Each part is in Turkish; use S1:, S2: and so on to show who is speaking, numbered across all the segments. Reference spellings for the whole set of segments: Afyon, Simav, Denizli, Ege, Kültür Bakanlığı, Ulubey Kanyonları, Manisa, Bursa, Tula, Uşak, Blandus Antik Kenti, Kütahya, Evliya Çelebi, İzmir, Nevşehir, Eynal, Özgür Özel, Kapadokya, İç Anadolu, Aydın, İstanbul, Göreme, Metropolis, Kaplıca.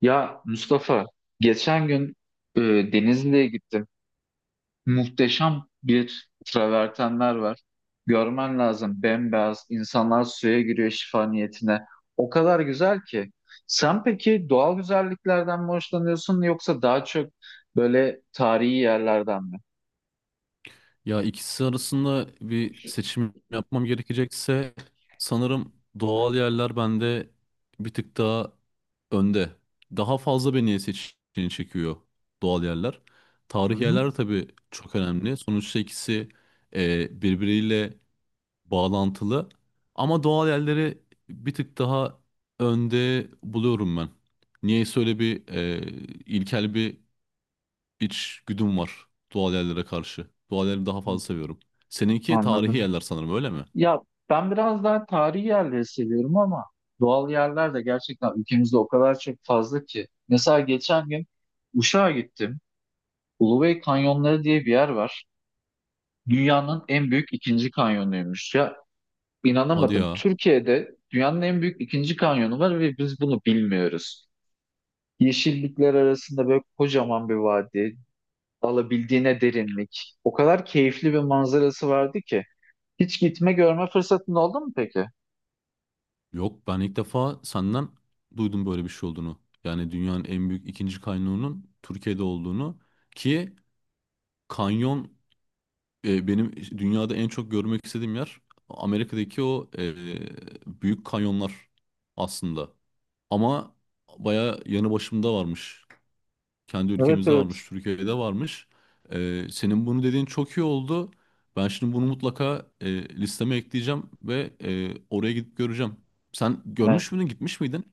S1: Ya Mustafa, geçen gün e, Denizli'ye gittim. Muhteşem bir travertenler var. Görmen lazım. Bembeyaz. İnsanlar suya giriyor şifa niyetine. O kadar güzel ki. Sen peki doğal güzelliklerden mi hoşlanıyorsun, yoksa daha çok böyle tarihi yerlerden mi?
S2: Ya ikisi arasında bir seçim yapmam gerekecekse sanırım doğal yerler bende bir tık daha önde. Daha fazla beni seçeneği çekiyor doğal yerler.
S1: Hı
S2: Tarihi
S1: hı.
S2: yerler tabii çok önemli. Sonuçta ikisi birbiriyle bağlantılı. Ama doğal yerleri bir tık daha önde buluyorum ben. Niyeyse öyle bir ilkel bir iç güdüm var doğal yerlere karşı. Doğal yerleri daha fazla seviyorum. Seninki tarihi
S1: Anladım.
S2: yerler sanırım öyle mi?
S1: Ya, ben biraz daha tarihi yerleri seviyorum, ama doğal yerler de gerçekten ülkemizde o kadar çok fazla ki. Mesela geçen gün Uşak'a gittim. Ulubey Kanyonları diye bir yer var. Dünyanın en büyük ikinci kanyonuymuş. Ya,
S2: Hadi
S1: inanamadım.
S2: ya.
S1: Türkiye'de dünyanın en büyük ikinci kanyonu var ve biz bunu bilmiyoruz. Yeşillikler arasında böyle kocaman bir vadi, alabildiğine derinlik. O kadar keyifli bir manzarası vardı ki. Hiç gitme görme fırsatın oldu mu peki?
S2: Yok, ben ilk defa senden duydum böyle bir şey olduğunu. Yani dünyanın en büyük ikinci kanyonunun Türkiye'de olduğunu, ki kanyon, benim dünyada en çok görmek istediğim yer Amerika'daki o büyük kanyonlar aslında. Ama baya yanı başımda varmış. Kendi
S1: Evet,
S2: ülkemizde
S1: evet.
S2: varmış, Türkiye'de varmış. Senin bunu dediğin çok iyi oldu. Ben şimdi bunu mutlaka listeme ekleyeceğim ve oraya gidip göreceğim. Sen
S1: Yani,
S2: görmüş müydün, gitmiş miydin?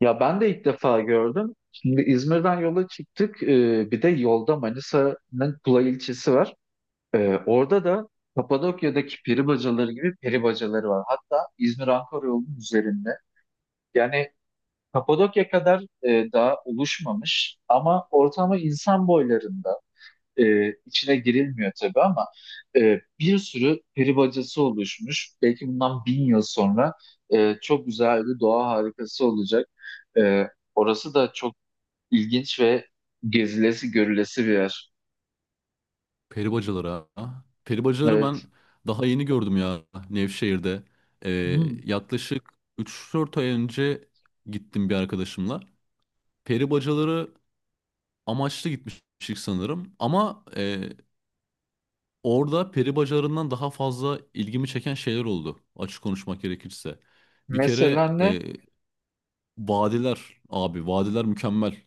S1: ya ben de ilk defa gördüm. Şimdi İzmir'den yola çıktık. Bir de yolda Manisa'nın Tula ilçesi var. Orada da Kapadokya'daki peri bacaları gibi peri bacaları var. Hatta İzmir-Ankara yolunun üzerinde. Yani, Kapadokya kadar daha oluşmamış ama ortamı insan boylarında. E, içine girilmiyor tabii, ama bir sürü peri bacası oluşmuş. Belki bundan 1000 yıl sonra çok güzel bir doğa harikası olacak. E, Orası da çok İlginç ve gezilesi görülesi bir yer.
S2: Peri bacaları, ha. Peri bacalarını ben
S1: Evet.
S2: daha yeni gördüm ya, Nevşehir'de. Ee,
S1: Hmm.
S2: Yaklaşık üç dört ay önce gittim bir arkadaşımla. Peri bacaları amaçlı gitmiştik sanırım. Ama orada peri bacalarından daha fazla ilgimi çeken şeyler oldu. Açık konuşmak gerekirse. Bir kere
S1: Mesela ne?
S2: vadiler abi, vadiler mükemmel.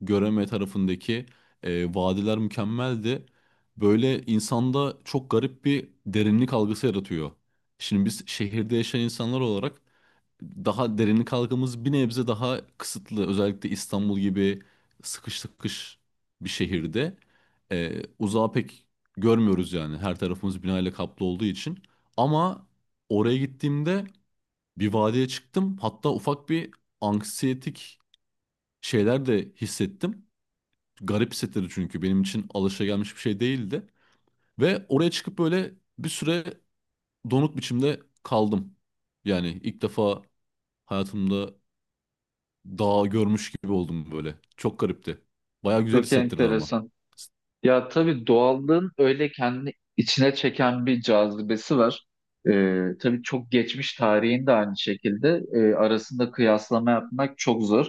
S2: Göreme tarafındaki vadiler mükemmeldi. Böyle insanda çok garip bir derinlik algısı yaratıyor. Şimdi biz şehirde yaşayan insanlar olarak daha derinlik algımız bir nebze daha kısıtlı. Özellikle İstanbul gibi sıkış sıkış bir şehirde uzağa pek görmüyoruz yani. Her tarafımız binayla kaplı olduğu için. Ama oraya gittiğimde bir vadiye çıktım. Hatta ufak bir anksiyetik şeyler de hissettim. Garip hissettirdi, çünkü benim için alışagelmiş bir şey değildi. Ve oraya çıkıp böyle bir süre donuk biçimde kaldım. Yani ilk defa hayatımda dağ görmüş gibi oldum böyle. Çok garipti. Baya güzel
S1: Çok
S2: hissettirdi ama.
S1: enteresan. Ya, tabii doğallığın öyle kendini içine çeken bir cazibesi var. Tabii çok geçmiş tarihin de aynı şekilde, arasında kıyaslama yapmak çok zor.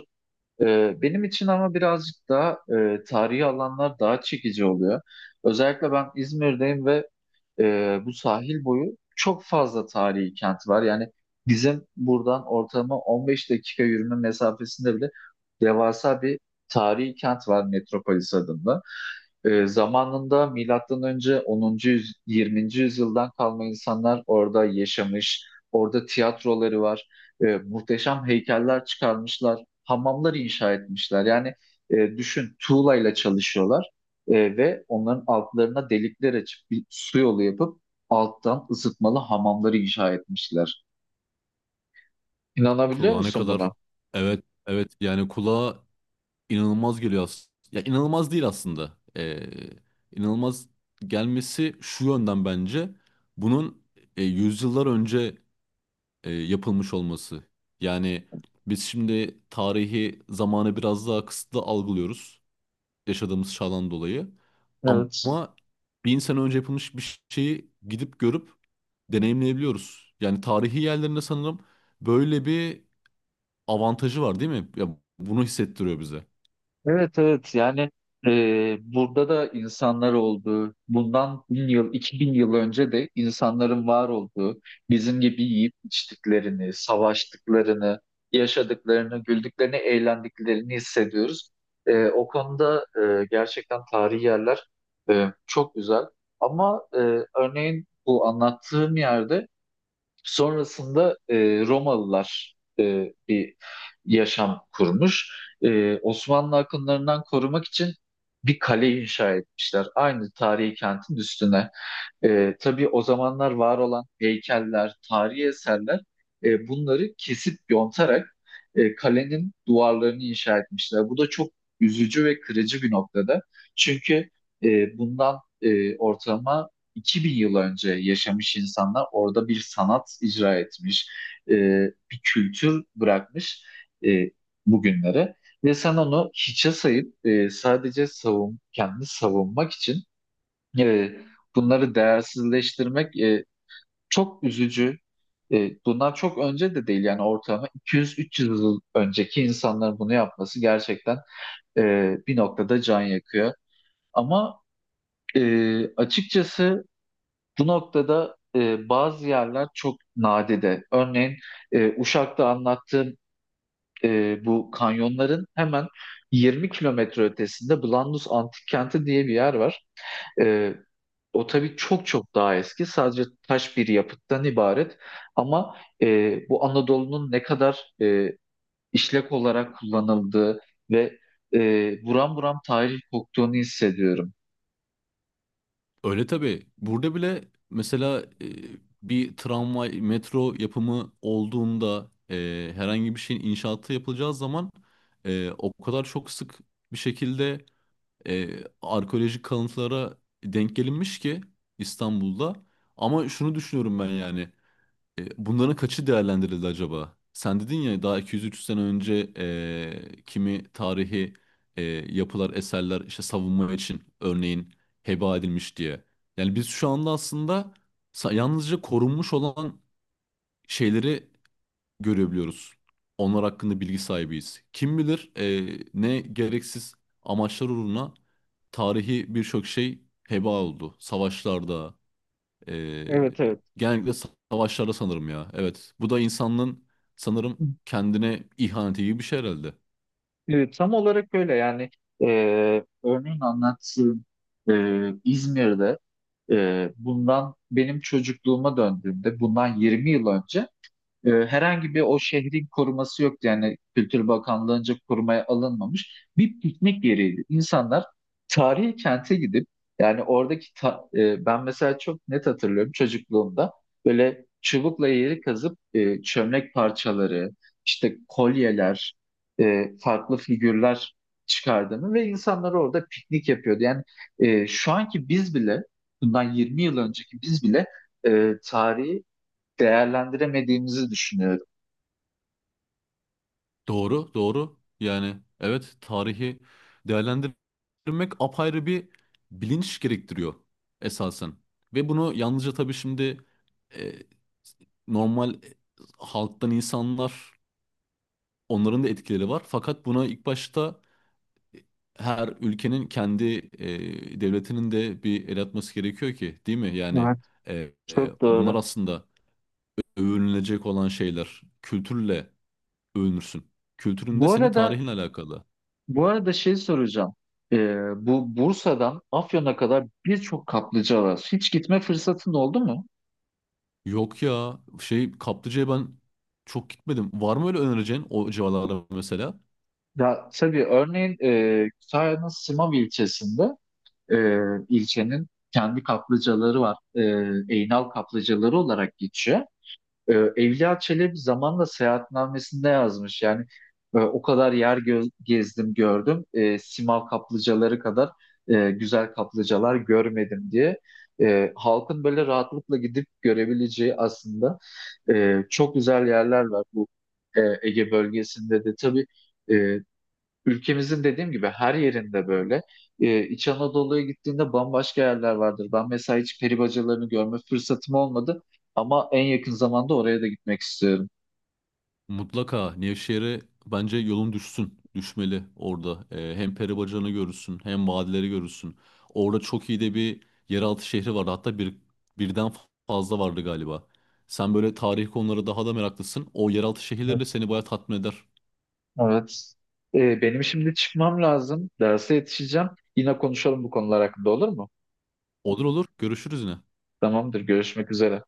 S1: Benim için, ama birazcık daha tarihi alanlar daha çekici oluyor. Özellikle ben İzmir'deyim ve bu sahil boyu çok fazla tarihi kent var. Yani, bizim buradan ortalama 15 dakika yürüme mesafesinde bile devasa bir tarihi kent var, Metropolis adında. Zamanında milattan önce 20. yüzyıldan kalma insanlar orada yaşamış. Orada tiyatroları var. Muhteşem heykeller çıkarmışlar. Hamamlar inşa etmişler. Yani, düşün, tuğlayla çalışıyorlar. Ve onların altlarına delikler açıp bir su yolu yapıp alttan ısıtmalı hamamları inşa etmişler. İnanabiliyor
S2: Kulağa ne
S1: musun
S2: kadar,
S1: buna?
S2: evet evet, yani kulağa inanılmaz geliyor aslında. Ya, inanılmaz değil aslında. İnanılmaz gelmesi şu yönden, bence bunun yüzyıllar önce yapılmış olması. Yani biz şimdi tarihi zamanı biraz daha kısıtlı algılıyoruz, yaşadığımız çağdan dolayı.
S1: Evet.
S2: Ama bin sene önce yapılmış bir şeyi gidip görüp deneyimleyebiliyoruz. Yani tarihi yerlerinde sanırım böyle bir avantajı var, değil mi? Ya, bunu hissettiriyor bize.
S1: Evet, evet, yani burada da insanlar olduğu, bundan 1000 yıl, 2000 yıl önce de insanların var olduğu, bizim gibi yiyip içtiklerini, savaştıklarını, yaşadıklarını, güldüklerini, eğlendiklerini hissediyoruz. O konuda gerçekten tarihi yerler çok güzel. Ama örneğin, bu anlattığım yerde sonrasında Romalılar bir yaşam kurmuş. Osmanlı akınlarından korumak için bir kale inşa etmişler. Aynı tarihi kentin üstüne. Tabii o zamanlar var olan heykeller, tarihi eserler, bunları kesip yontarak kalenin duvarlarını inşa etmişler. Bu da çok üzücü ve kırıcı bir noktada. Çünkü bundan ortalama 2000 yıl önce yaşamış insanlar orada bir sanat icra etmiş, e, bir kültür bırakmış e, bugünlere. Ve sen onu hiçe sayıp sadece savun, kendini savunmak için e, bunları değersizleştirmek çok üzücü. Bunlar çok önce de değil, yani ortalama 200-300 yıl önceki insanların bunu yapması gerçekten e, bir noktada can yakıyor. Ama açıkçası bu noktada bazı yerler çok nadide. Örneğin Uşak'ta anlattığım bu kanyonların hemen 20 kilometre ötesinde Blandus Antik Kenti diye bir yer var. E, O tabii çok çok daha eski. Sadece taş bir yapıttan ibaret. Ama bu Anadolu'nun ne kadar işlek olarak kullanıldığı ve e, buram buram tarih koktuğunu hissediyorum.
S2: Öyle tabii. Burada bile mesela bir tramvay, metro yapımı olduğunda, herhangi bir şeyin inşaatı yapılacağı zaman o kadar çok sık bir şekilde arkeolojik kalıntılara denk gelinmiş ki İstanbul'da. Ama şunu düşünüyorum ben yani: bunların kaçı değerlendirildi acaba? Sen dedin ya, daha 200-300 sene önce kimi tarihi yapılar, eserler işte savunma için örneğin heba edilmiş diye. Yani biz şu anda aslında yalnızca korunmuş olan şeyleri görebiliyoruz. Onlar hakkında bilgi sahibiyiz. Kim bilir ne gereksiz amaçlar uğruna tarihi birçok şey heba oldu. Savaşlarda, e,
S1: Evet, evet.
S2: genellikle savaşlarda sanırım ya. Evet, bu da insanlığın sanırım kendine ihaneti gibi bir şey herhalde.
S1: Evet, tam olarak öyle, yani e, örneğin anlattığım e, İzmir'de, bundan benim çocukluğuma döndüğümde, bundan 20 yıl önce herhangi bir o şehrin koruması yoktu. Yani, Kültür Bakanlığı'nca korumaya alınmamış. Bir piknik yeriydi. İnsanlar tarihi kente gidip, yani oradaki ben mesela çok net hatırlıyorum, çocukluğumda böyle çubukla yeri kazıp çömlek parçaları, işte kolyeler, farklı figürler çıkardığını ve insanlar orada piknik yapıyordu. Yani şu anki biz bile, bundan 20 yıl önceki biz bile, tarihi değerlendiremediğimizi düşünüyorum.
S2: Doğru, doğru. Yani evet, tarihi değerlendirmek apayrı bir bilinç gerektiriyor esasen. Ve bunu yalnızca tabii şimdi e, normal halktan insanlar, onların da etkileri var. Fakat buna ilk başta her ülkenin kendi devletinin de bir el atması gerekiyor ki, değil mi? Yani
S1: Evet,
S2: e,
S1: çok
S2: bunlar
S1: doğru.
S2: aslında övünülecek olan şeyler. Kültürle övünürsün. Kültürün de
S1: Bu
S2: senin
S1: arada
S2: tarihinle alakalı.
S1: bu arada, şey soracağım. Bu Bursa'dan Afyon'a kadar birçok kaplıca var. Hiç gitme fırsatın oldu mu?
S2: Yok ya, şey Kaplıca'ya ben çok gitmedim. Var mı öyle önereceğin o civarlarda mesela?
S1: Ya, tabii. Örneğin Kütahya'nın Simav ilçesinde e, ilçenin kendi kaplıcaları var. Eynal kaplıcaları olarak geçiyor. Evliya Çelebi zamanla seyahatnamesinde yazmış. Yani o kadar yer gezdim gördüm. Simav kaplıcaları kadar güzel kaplıcalar görmedim diye. Halkın böyle rahatlıkla gidip görebileceği, aslında çok güzel yerler var bu Ege bölgesinde de. Tabii e, ülkemizin dediğim gibi her yerinde böyle. İç Anadolu'ya gittiğinde bambaşka yerler vardır. Ben mesela hiç peri bacalarını görme fırsatım olmadı, ama en yakın zamanda oraya da gitmek istiyorum.
S2: Mutlaka Nevşehir'e, bence yolun düşsün. Düşmeli orada. Hem peri bacalarını görürsün, hem vadileri görürsün. Orada çok iyi de bir yeraltı şehri vardı. Hatta birden fazla vardı galiba. Sen böyle tarih konuları daha da meraklısın. O yeraltı şehirleri de
S1: Evet.
S2: seni bayağı tatmin eder.
S1: Evet. Benim şimdi çıkmam lazım. Derse yetişeceğim. Yine konuşalım bu konular hakkında, olur mu?
S2: Olur olur, görüşürüz yine.
S1: Tamamdır. Görüşmek üzere.